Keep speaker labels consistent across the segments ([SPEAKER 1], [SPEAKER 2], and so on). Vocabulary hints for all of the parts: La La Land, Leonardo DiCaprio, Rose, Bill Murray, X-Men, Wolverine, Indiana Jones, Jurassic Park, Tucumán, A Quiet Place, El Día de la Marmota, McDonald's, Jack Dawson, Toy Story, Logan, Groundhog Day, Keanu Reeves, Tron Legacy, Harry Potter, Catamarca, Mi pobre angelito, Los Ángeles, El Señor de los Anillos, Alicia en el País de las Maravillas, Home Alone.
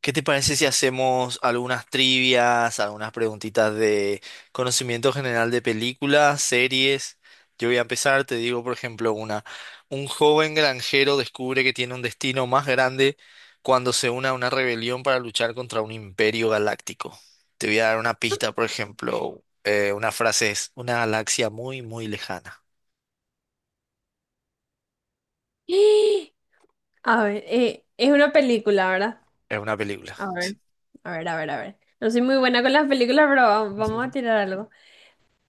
[SPEAKER 1] ¿Qué te parece si hacemos algunas trivias, algunas preguntitas de conocimiento general de películas, series? Yo voy a empezar, te digo, por ejemplo, una. Un joven granjero descubre que tiene un destino más grande cuando se une a una rebelión para luchar contra un imperio galáctico. Te voy a dar una pista, por ejemplo, una frase es, una galaxia muy, muy lejana.
[SPEAKER 2] ¡Ah! A ver, es una película, ¿verdad?
[SPEAKER 1] Es una película.
[SPEAKER 2] A ver, a ver, a ver, a ver. No soy muy buena con las películas, pero vamos a tirar algo.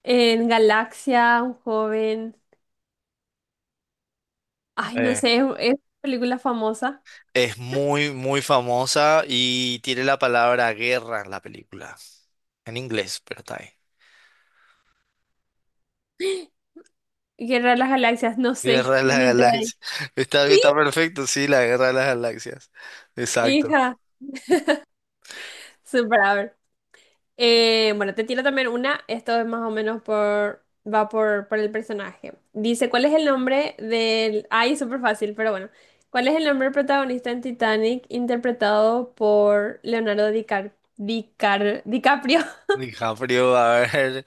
[SPEAKER 2] En Galaxia, un joven. Ay, no
[SPEAKER 1] Eh,
[SPEAKER 2] sé, es una película famosa.
[SPEAKER 1] es muy, muy famosa y tiene la palabra guerra en la película. En inglés, pero está ahí.
[SPEAKER 2] Guerra de las Galaxias, no
[SPEAKER 1] Guerra
[SPEAKER 2] sé.
[SPEAKER 1] de las
[SPEAKER 2] Inventé.
[SPEAKER 1] Galaxias. Está,
[SPEAKER 2] Sí,
[SPEAKER 1] está perfecto, sí, la Guerra de las Galaxias. Exacto.
[SPEAKER 2] hija, súper, a ver. Bueno, te tiro también una. Esto es más o menos por. Va por el personaje. Dice, ¿cuál es el nombre del. Ay, súper fácil, pero bueno. ¿Cuál es el nombre del protagonista en Titanic interpretado por Leonardo DiCaprio?
[SPEAKER 1] DiCaprio, a ver.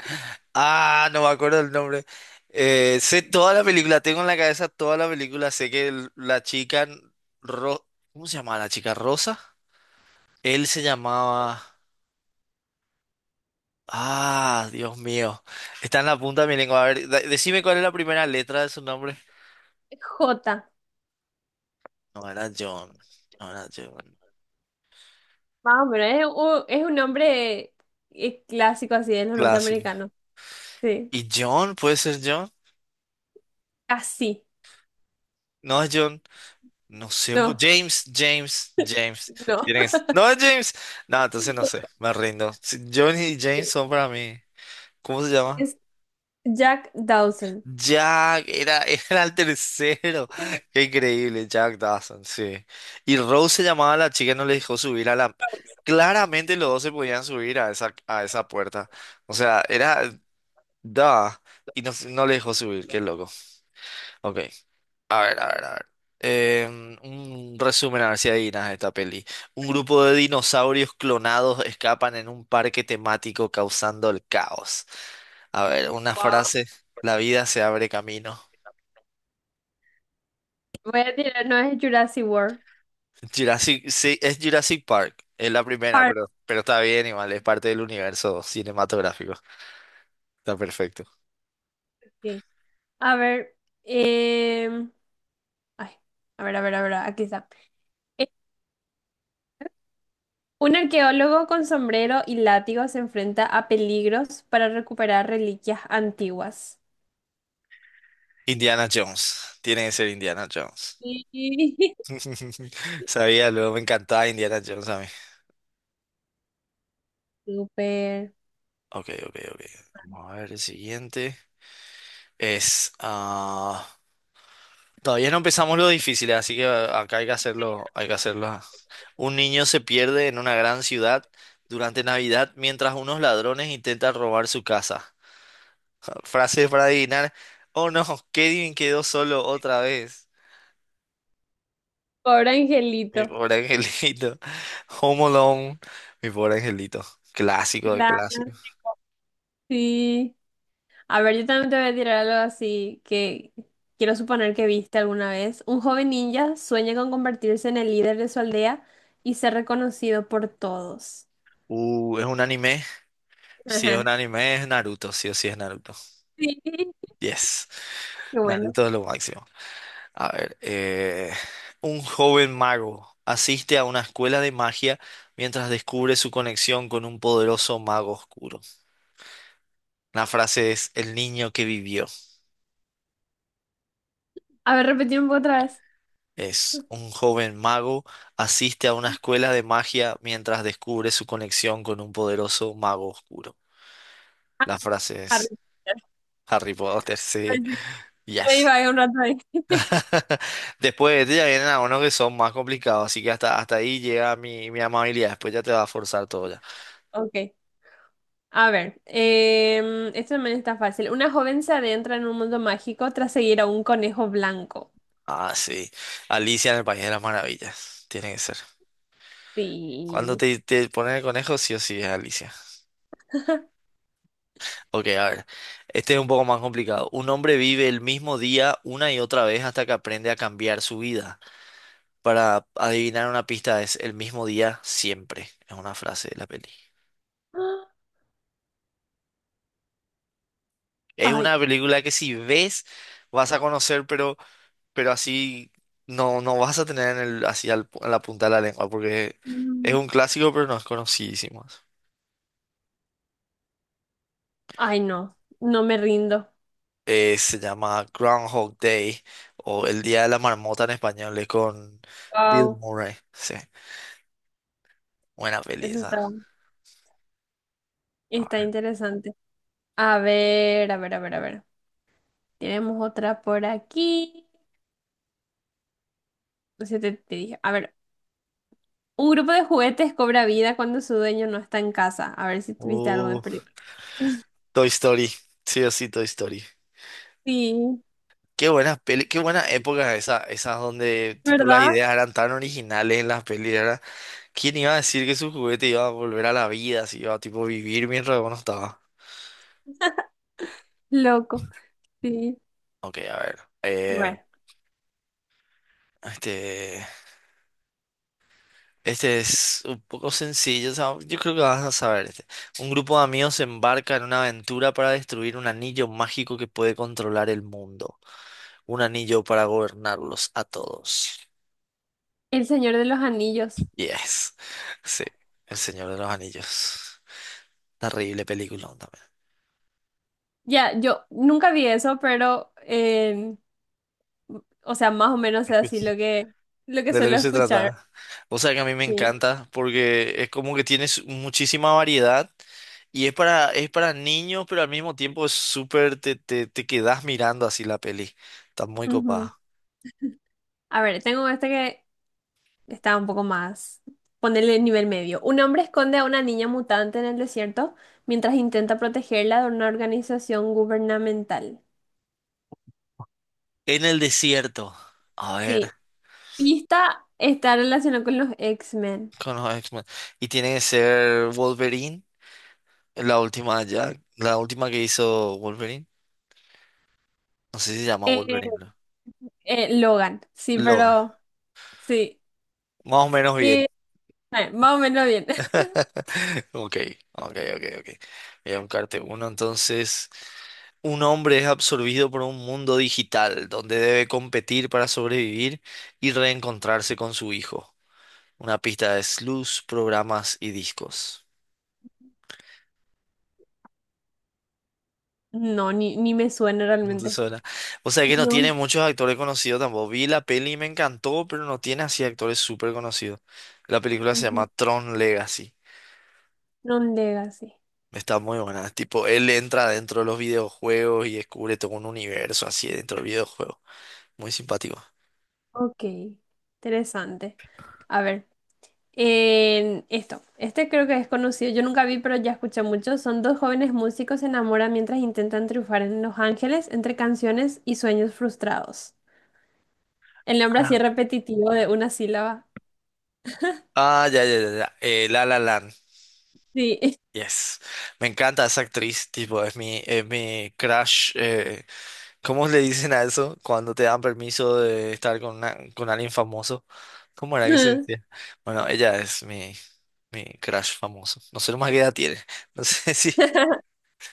[SPEAKER 1] Ah, no me acuerdo el nombre. Sé toda la película, tengo en la cabeza toda la película. Sé que la chica. Ro- ¿Cómo se llamaba la chica? ¿Rosa? Él se llamaba. Ah, Dios mío. Está en la punta de mi lengua. A ver, decime cuál es la primera letra de su nombre.
[SPEAKER 2] J.
[SPEAKER 1] No era John. No era John.
[SPEAKER 2] Más o menos. Es es un nombre clásico así de los
[SPEAKER 1] Clásico.
[SPEAKER 2] norteamericanos. Sí.
[SPEAKER 1] ¿Y John? ¿Puede ser John?
[SPEAKER 2] Casi.
[SPEAKER 1] No es John, no sé,
[SPEAKER 2] No,
[SPEAKER 1] James, James, James.
[SPEAKER 2] no.
[SPEAKER 1] ¿Tienes? No es No, James. No, entonces no sé, me rindo. John y James
[SPEAKER 2] Ok.
[SPEAKER 1] son para mí. ¿Cómo se llama?
[SPEAKER 2] Es Jack Dawson.
[SPEAKER 1] Jack, era, era el tercero. Qué increíble, Jack Dawson, sí. Y Rose se llamaba la chica, no le dejó subir a la Claramente los dos se podían subir a esa puerta. O sea, era Da. Y no, no le dejó subir, qué loco. Ok. A ver, a ver, a ver. Un resumen, a ver si adivinas esta peli. Un grupo de dinosaurios clonados escapan en un parque temático causando el caos. A ver, una frase. La vida se abre camino.
[SPEAKER 2] Voy a tirar, no es Jurassic World.
[SPEAKER 1] Jurassic, sí, es Jurassic Park. Es la primera,
[SPEAKER 2] Parque.
[SPEAKER 1] pero está bien, igual. Es parte del universo cinematográfico. Está perfecto.
[SPEAKER 2] A ver, em, ay, a ver, a ver, a ver, aquí está. Eh, Un arqueólogo con sombrero y látigo se enfrenta a peligros para recuperar reliquias antiguas.
[SPEAKER 1] Indiana Jones. Tiene que ser Indiana Jones.
[SPEAKER 2] Sí.
[SPEAKER 1] Sabía, luego me encantaba Indiana Jones a mí.
[SPEAKER 2] Súper.
[SPEAKER 1] Ok, ok, ok. Vamos a ver el siguiente. Es. ah, Todavía no empezamos lo difícil, así que acá hay que hacerlo. Hay que hacerlo. Un niño se pierde en una gran ciudad durante Navidad mientras unos ladrones intentan robar su casa. Frase para adivinar. Oh no, Kevin quedó solo otra vez.
[SPEAKER 2] Pobre
[SPEAKER 1] Mi
[SPEAKER 2] angelito.
[SPEAKER 1] pobre angelito. Home Alone. Mi pobre angelito. Clásico de
[SPEAKER 2] Claro,
[SPEAKER 1] clásico.
[SPEAKER 2] sí. A ver, yo también te voy a tirar algo así que quiero suponer que viste alguna vez. Un joven ninja sueña con convertirse en el líder de su aldea y ser reconocido por todos.
[SPEAKER 1] Es un anime. Si es un
[SPEAKER 2] Ajá.
[SPEAKER 1] anime, es Naruto, sí o sí es Naruto.
[SPEAKER 2] Sí, qué
[SPEAKER 1] Yes,
[SPEAKER 2] bueno.
[SPEAKER 1] Naruto es lo máximo. A ver, un joven mago asiste a una escuela de magia mientras descubre su conexión con un poderoso mago oscuro. La frase es el niño que vivió.
[SPEAKER 2] A ver, repetir un poco otra vez.
[SPEAKER 1] Es un joven mago asiste a una escuela de magia mientras descubre su conexión con un poderoso mago oscuro.
[SPEAKER 2] Ah,
[SPEAKER 1] La frase
[SPEAKER 2] Harry
[SPEAKER 1] es
[SPEAKER 2] Potter.
[SPEAKER 1] Harry Potter, sí.
[SPEAKER 2] Me iba
[SPEAKER 1] Yes.
[SPEAKER 2] a ir un rato ahí.
[SPEAKER 1] Después de este ya vienen algunos que son más complicados, así que hasta, hasta ahí llega mi amabilidad. Después ya te va a forzar todo ya.
[SPEAKER 2] Ok. A ver, esto también está fácil. Una joven se adentra en un mundo mágico tras seguir a un conejo blanco.
[SPEAKER 1] Ah, sí. Alicia en el País de las Maravillas. Tiene que ser. Cuando
[SPEAKER 2] Sí.
[SPEAKER 1] te ponen el conejo, sí o sí es Alicia. Ok, a ver. Este es un poco más complicado. Un hombre vive el mismo día una y otra vez hasta que aprende a cambiar su vida. Para adivinar una pista es el mismo día siempre. Es una frase de la peli. Es
[SPEAKER 2] Ay,
[SPEAKER 1] una película que si ves vas a conocer, pero así no, no vas a tener en el, así al en la punta de la lengua, porque es
[SPEAKER 2] mm,
[SPEAKER 1] un clásico, pero no es conocidísimo.
[SPEAKER 2] no, no me rindo.
[SPEAKER 1] Se llama Groundhog Day, o El Día de la Marmota en español, es con Bill
[SPEAKER 2] Wow,
[SPEAKER 1] Murray. Sí, buena peli
[SPEAKER 2] eso
[SPEAKER 1] esa.
[SPEAKER 2] está,
[SPEAKER 1] A
[SPEAKER 2] está
[SPEAKER 1] ver.
[SPEAKER 2] interesante. A ver, a ver, a ver, a ver. Tenemos otra por aquí. No sé, te dije. A ver, un grupo de juguetes cobra vida cuando su dueño no está en casa. A ver si viste algo de
[SPEAKER 1] Uh,
[SPEAKER 2] película.
[SPEAKER 1] Toy Story, sí o sí, Toy Story.
[SPEAKER 2] Sí,
[SPEAKER 1] Qué buena peli, qué buena época esa, esas donde tipo las
[SPEAKER 2] ¿verdad?
[SPEAKER 1] ideas eran tan originales en las pelis, ¿verdad? ¿Quién iba a decir que su juguete iba a volver a la vida, si iba a tipo vivir mientras uno estaba?
[SPEAKER 2] Loco. Sí.
[SPEAKER 1] Ok, a ver.
[SPEAKER 2] Bueno.
[SPEAKER 1] Este, este es un poco sencillo. O sea, yo creo que vas a saber este. Un grupo de amigos se embarca en una aventura para destruir un anillo mágico que puede controlar el mundo. Un anillo para gobernarlos a todos.
[SPEAKER 2] El Señor de los Anillos.
[SPEAKER 1] Yes. Sí, El Señor de los Anillos. Terrible película también.
[SPEAKER 2] Ya, yo nunca vi eso, pero, o sea, más o menos es así lo que
[SPEAKER 1] De lo
[SPEAKER 2] suelo
[SPEAKER 1] que se
[SPEAKER 2] escuchar.
[SPEAKER 1] trata. O sea que a mí me
[SPEAKER 2] Sí.
[SPEAKER 1] encanta porque es como que tienes muchísima variedad y es para niños, pero al mismo tiempo es súper, te quedas mirando así la peli. Está muy
[SPEAKER 2] Ujú.
[SPEAKER 1] copada.
[SPEAKER 2] A ver, tengo este que está un poco más. Ponerle nivel medio. Un hombre esconde a una niña mutante en el desierto mientras intenta protegerla de una organización gubernamental.
[SPEAKER 1] En el desierto. A
[SPEAKER 2] Sí,
[SPEAKER 1] ver,
[SPEAKER 2] pista, está relacionado con los X-Men.
[SPEAKER 1] con los X-Men. Y tiene que ser Wolverine, la última ya, la última que hizo Wolverine. No sé si se llama Wolverine,
[SPEAKER 2] Eh,
[SPEAKER 1] ¿no?
[SPEAKER 2] Logan, sí,
[SPEAKER 1] Logan.
[SPEAKER 2] pero sí.
[SPEAKER 1] Más o menos
[SPEAKER 2] Que,
[SPEAKER 1] bien.
[SPEAKER 2] más o menos bien.
[SPEAKER 1] Ok, ok, ok, ok. Voy a buscarte uno entonces. Un hombre es absorbido por un mundo digital donde debe competir para sobrevivir y reencontrarse con su hijo. Una pista de luz, programas y discos.
[SPEAKER 2] No, ni me suena
[SPEAKER 1] No te
[SPEAKER 2] realmente.
[SPEAKER 1] suena. O sea que no
[SPEAKER 2] No.
[SPEAKER 1] tiene muchos actores conocidos tampoco. Vi la peli y me encantó, pero no tiene así actores súper conocidos. La película se llama
[SPEAKER 2] Ujú.
[SPEAKER 1] Tron Legacy.
[SPEAKER 2] Non Legacy.
[SPEAKER 1] Está muy buena. Tipo, él entra dentro de los videojuegos y descubre todo un universo así dentro del videojuego. Muy simpático.
[SPEAKER 2] Ok, interesante. A ver, en esto. Este creo que es conocido. Yo nunca vi, pero ya escuché mucho. Son dos jóvenes músicos se enamoran mientras intentan triunfar en Los Ángeles entre canciones y sueños frustrados. El nombre
[SPEAKER 1] Ah,
[SPEAKER 2] así repetitivo de una sílaba.
[SPEAKER 1] Ah, ya. La La Land.
[SPEAKER 2] Sí.
[SPEAKER 1] Yes. Me encanta esa actriz, tipo, es es mi crush. ¿Cómo le dicen a eso cuando te dan permiso de estar con, con alguien famoso? ¿Cómo era que se decía? Bueno, ella es mi crush famoso. No sé nomás qué edad tiene. No sé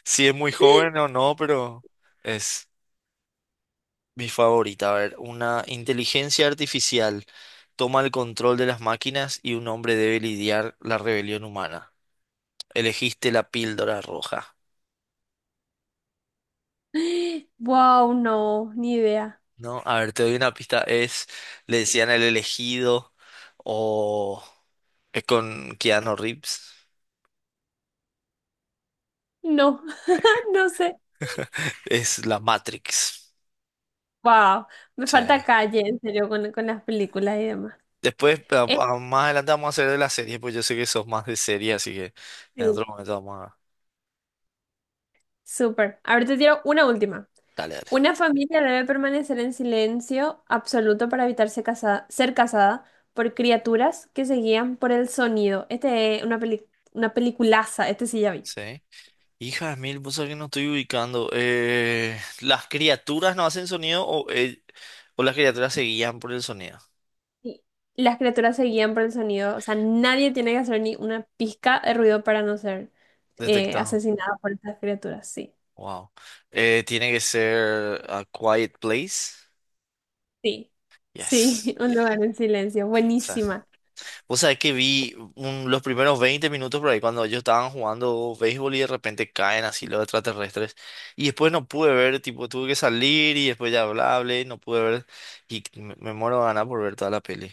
[SPEAKER 1] si es muy joven o no, pero es mi favorita. A ver, una inteligencia artificial toma el control de las máquinas y un hombre debe lidiar la rebelión humana. Elegiste la píldora roja.
[SPEAKER 2] Wow, no, ni idea.
[SPEAKER 1] No, a ver, te doy una pista. Es, le decían el elegido o es con Keanu Reeves.
[SPEAKER 2] No, no sé.
[SPEAKER 1] Es la Matrix.
[SPEAKER 2] Wow, me
[SPEAKER 1] O
[SPEAKER 2] falta
[SPEAKER 1] sea,
[SPEAKER 2] calle, en serio, con las películas y demás.
[SPEAKER 1] después, más adelante vamos a hacer de la serie, pues yo sé que sos más de serie, así que en
[SPEAKER 2] Este,
[SPEAKER 1] otro momento vamos a...
[SPEAKER 2] súper. Ahora te tiro una última.
[SPEAKER 1] Dale, dale.
[SPEAKER 2] Una familia debe permanecer en silencio absoluto para evitar ser casada por criaturas que se guían por el sonido. Este es una una peliculaza, este sí ya vi.
[SPEAKER 1] Sí. Hija de mil, vos sabés que no estoy ubicando. ¿Las criaturas no hacen sonido o las criaturas se guían por el sonido?
[SPEAKER 2] Y las criaturas se guían por el sonido, o sea, nadie tiene que hacer ni una pizca de ruido para no ser
[SPEAKER 1] Detectado.
[SPEAKER 2] asesinado por estas criaturas, sí.
[SPEAKER 1] Wow. Tiene que ser A Quiet Place.
[SPEAKER 2] Sí,
[SPEAKER 1] Yes.
[SPEAKER 2] sí, un lugar en silencio,
[SPEAKER 1] O sea,
[SPEAKER 2] buenísima,
[SPEAKER 1] vos sabés que vi los primeros 20 minutos por ahí cuando ellos estaban jugando béisbol y de repente caen así los extraterrestres. Y después no pude ver, tipo, tuve que salir y después ya hablé y no pude ver. Y me muero de ganas por ver toda la peli.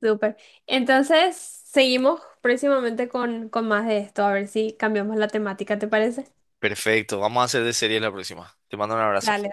[SPEAKER 2] súper. Entonces, seguimos próximamente con más de esto, a ver si cambiamos la temática, ¿te parece?
[SPEAKER 1] Perfecto, vamos a hacer de serie la próxima. Te mando un abrazo.
[SPEAKER 2] Dale.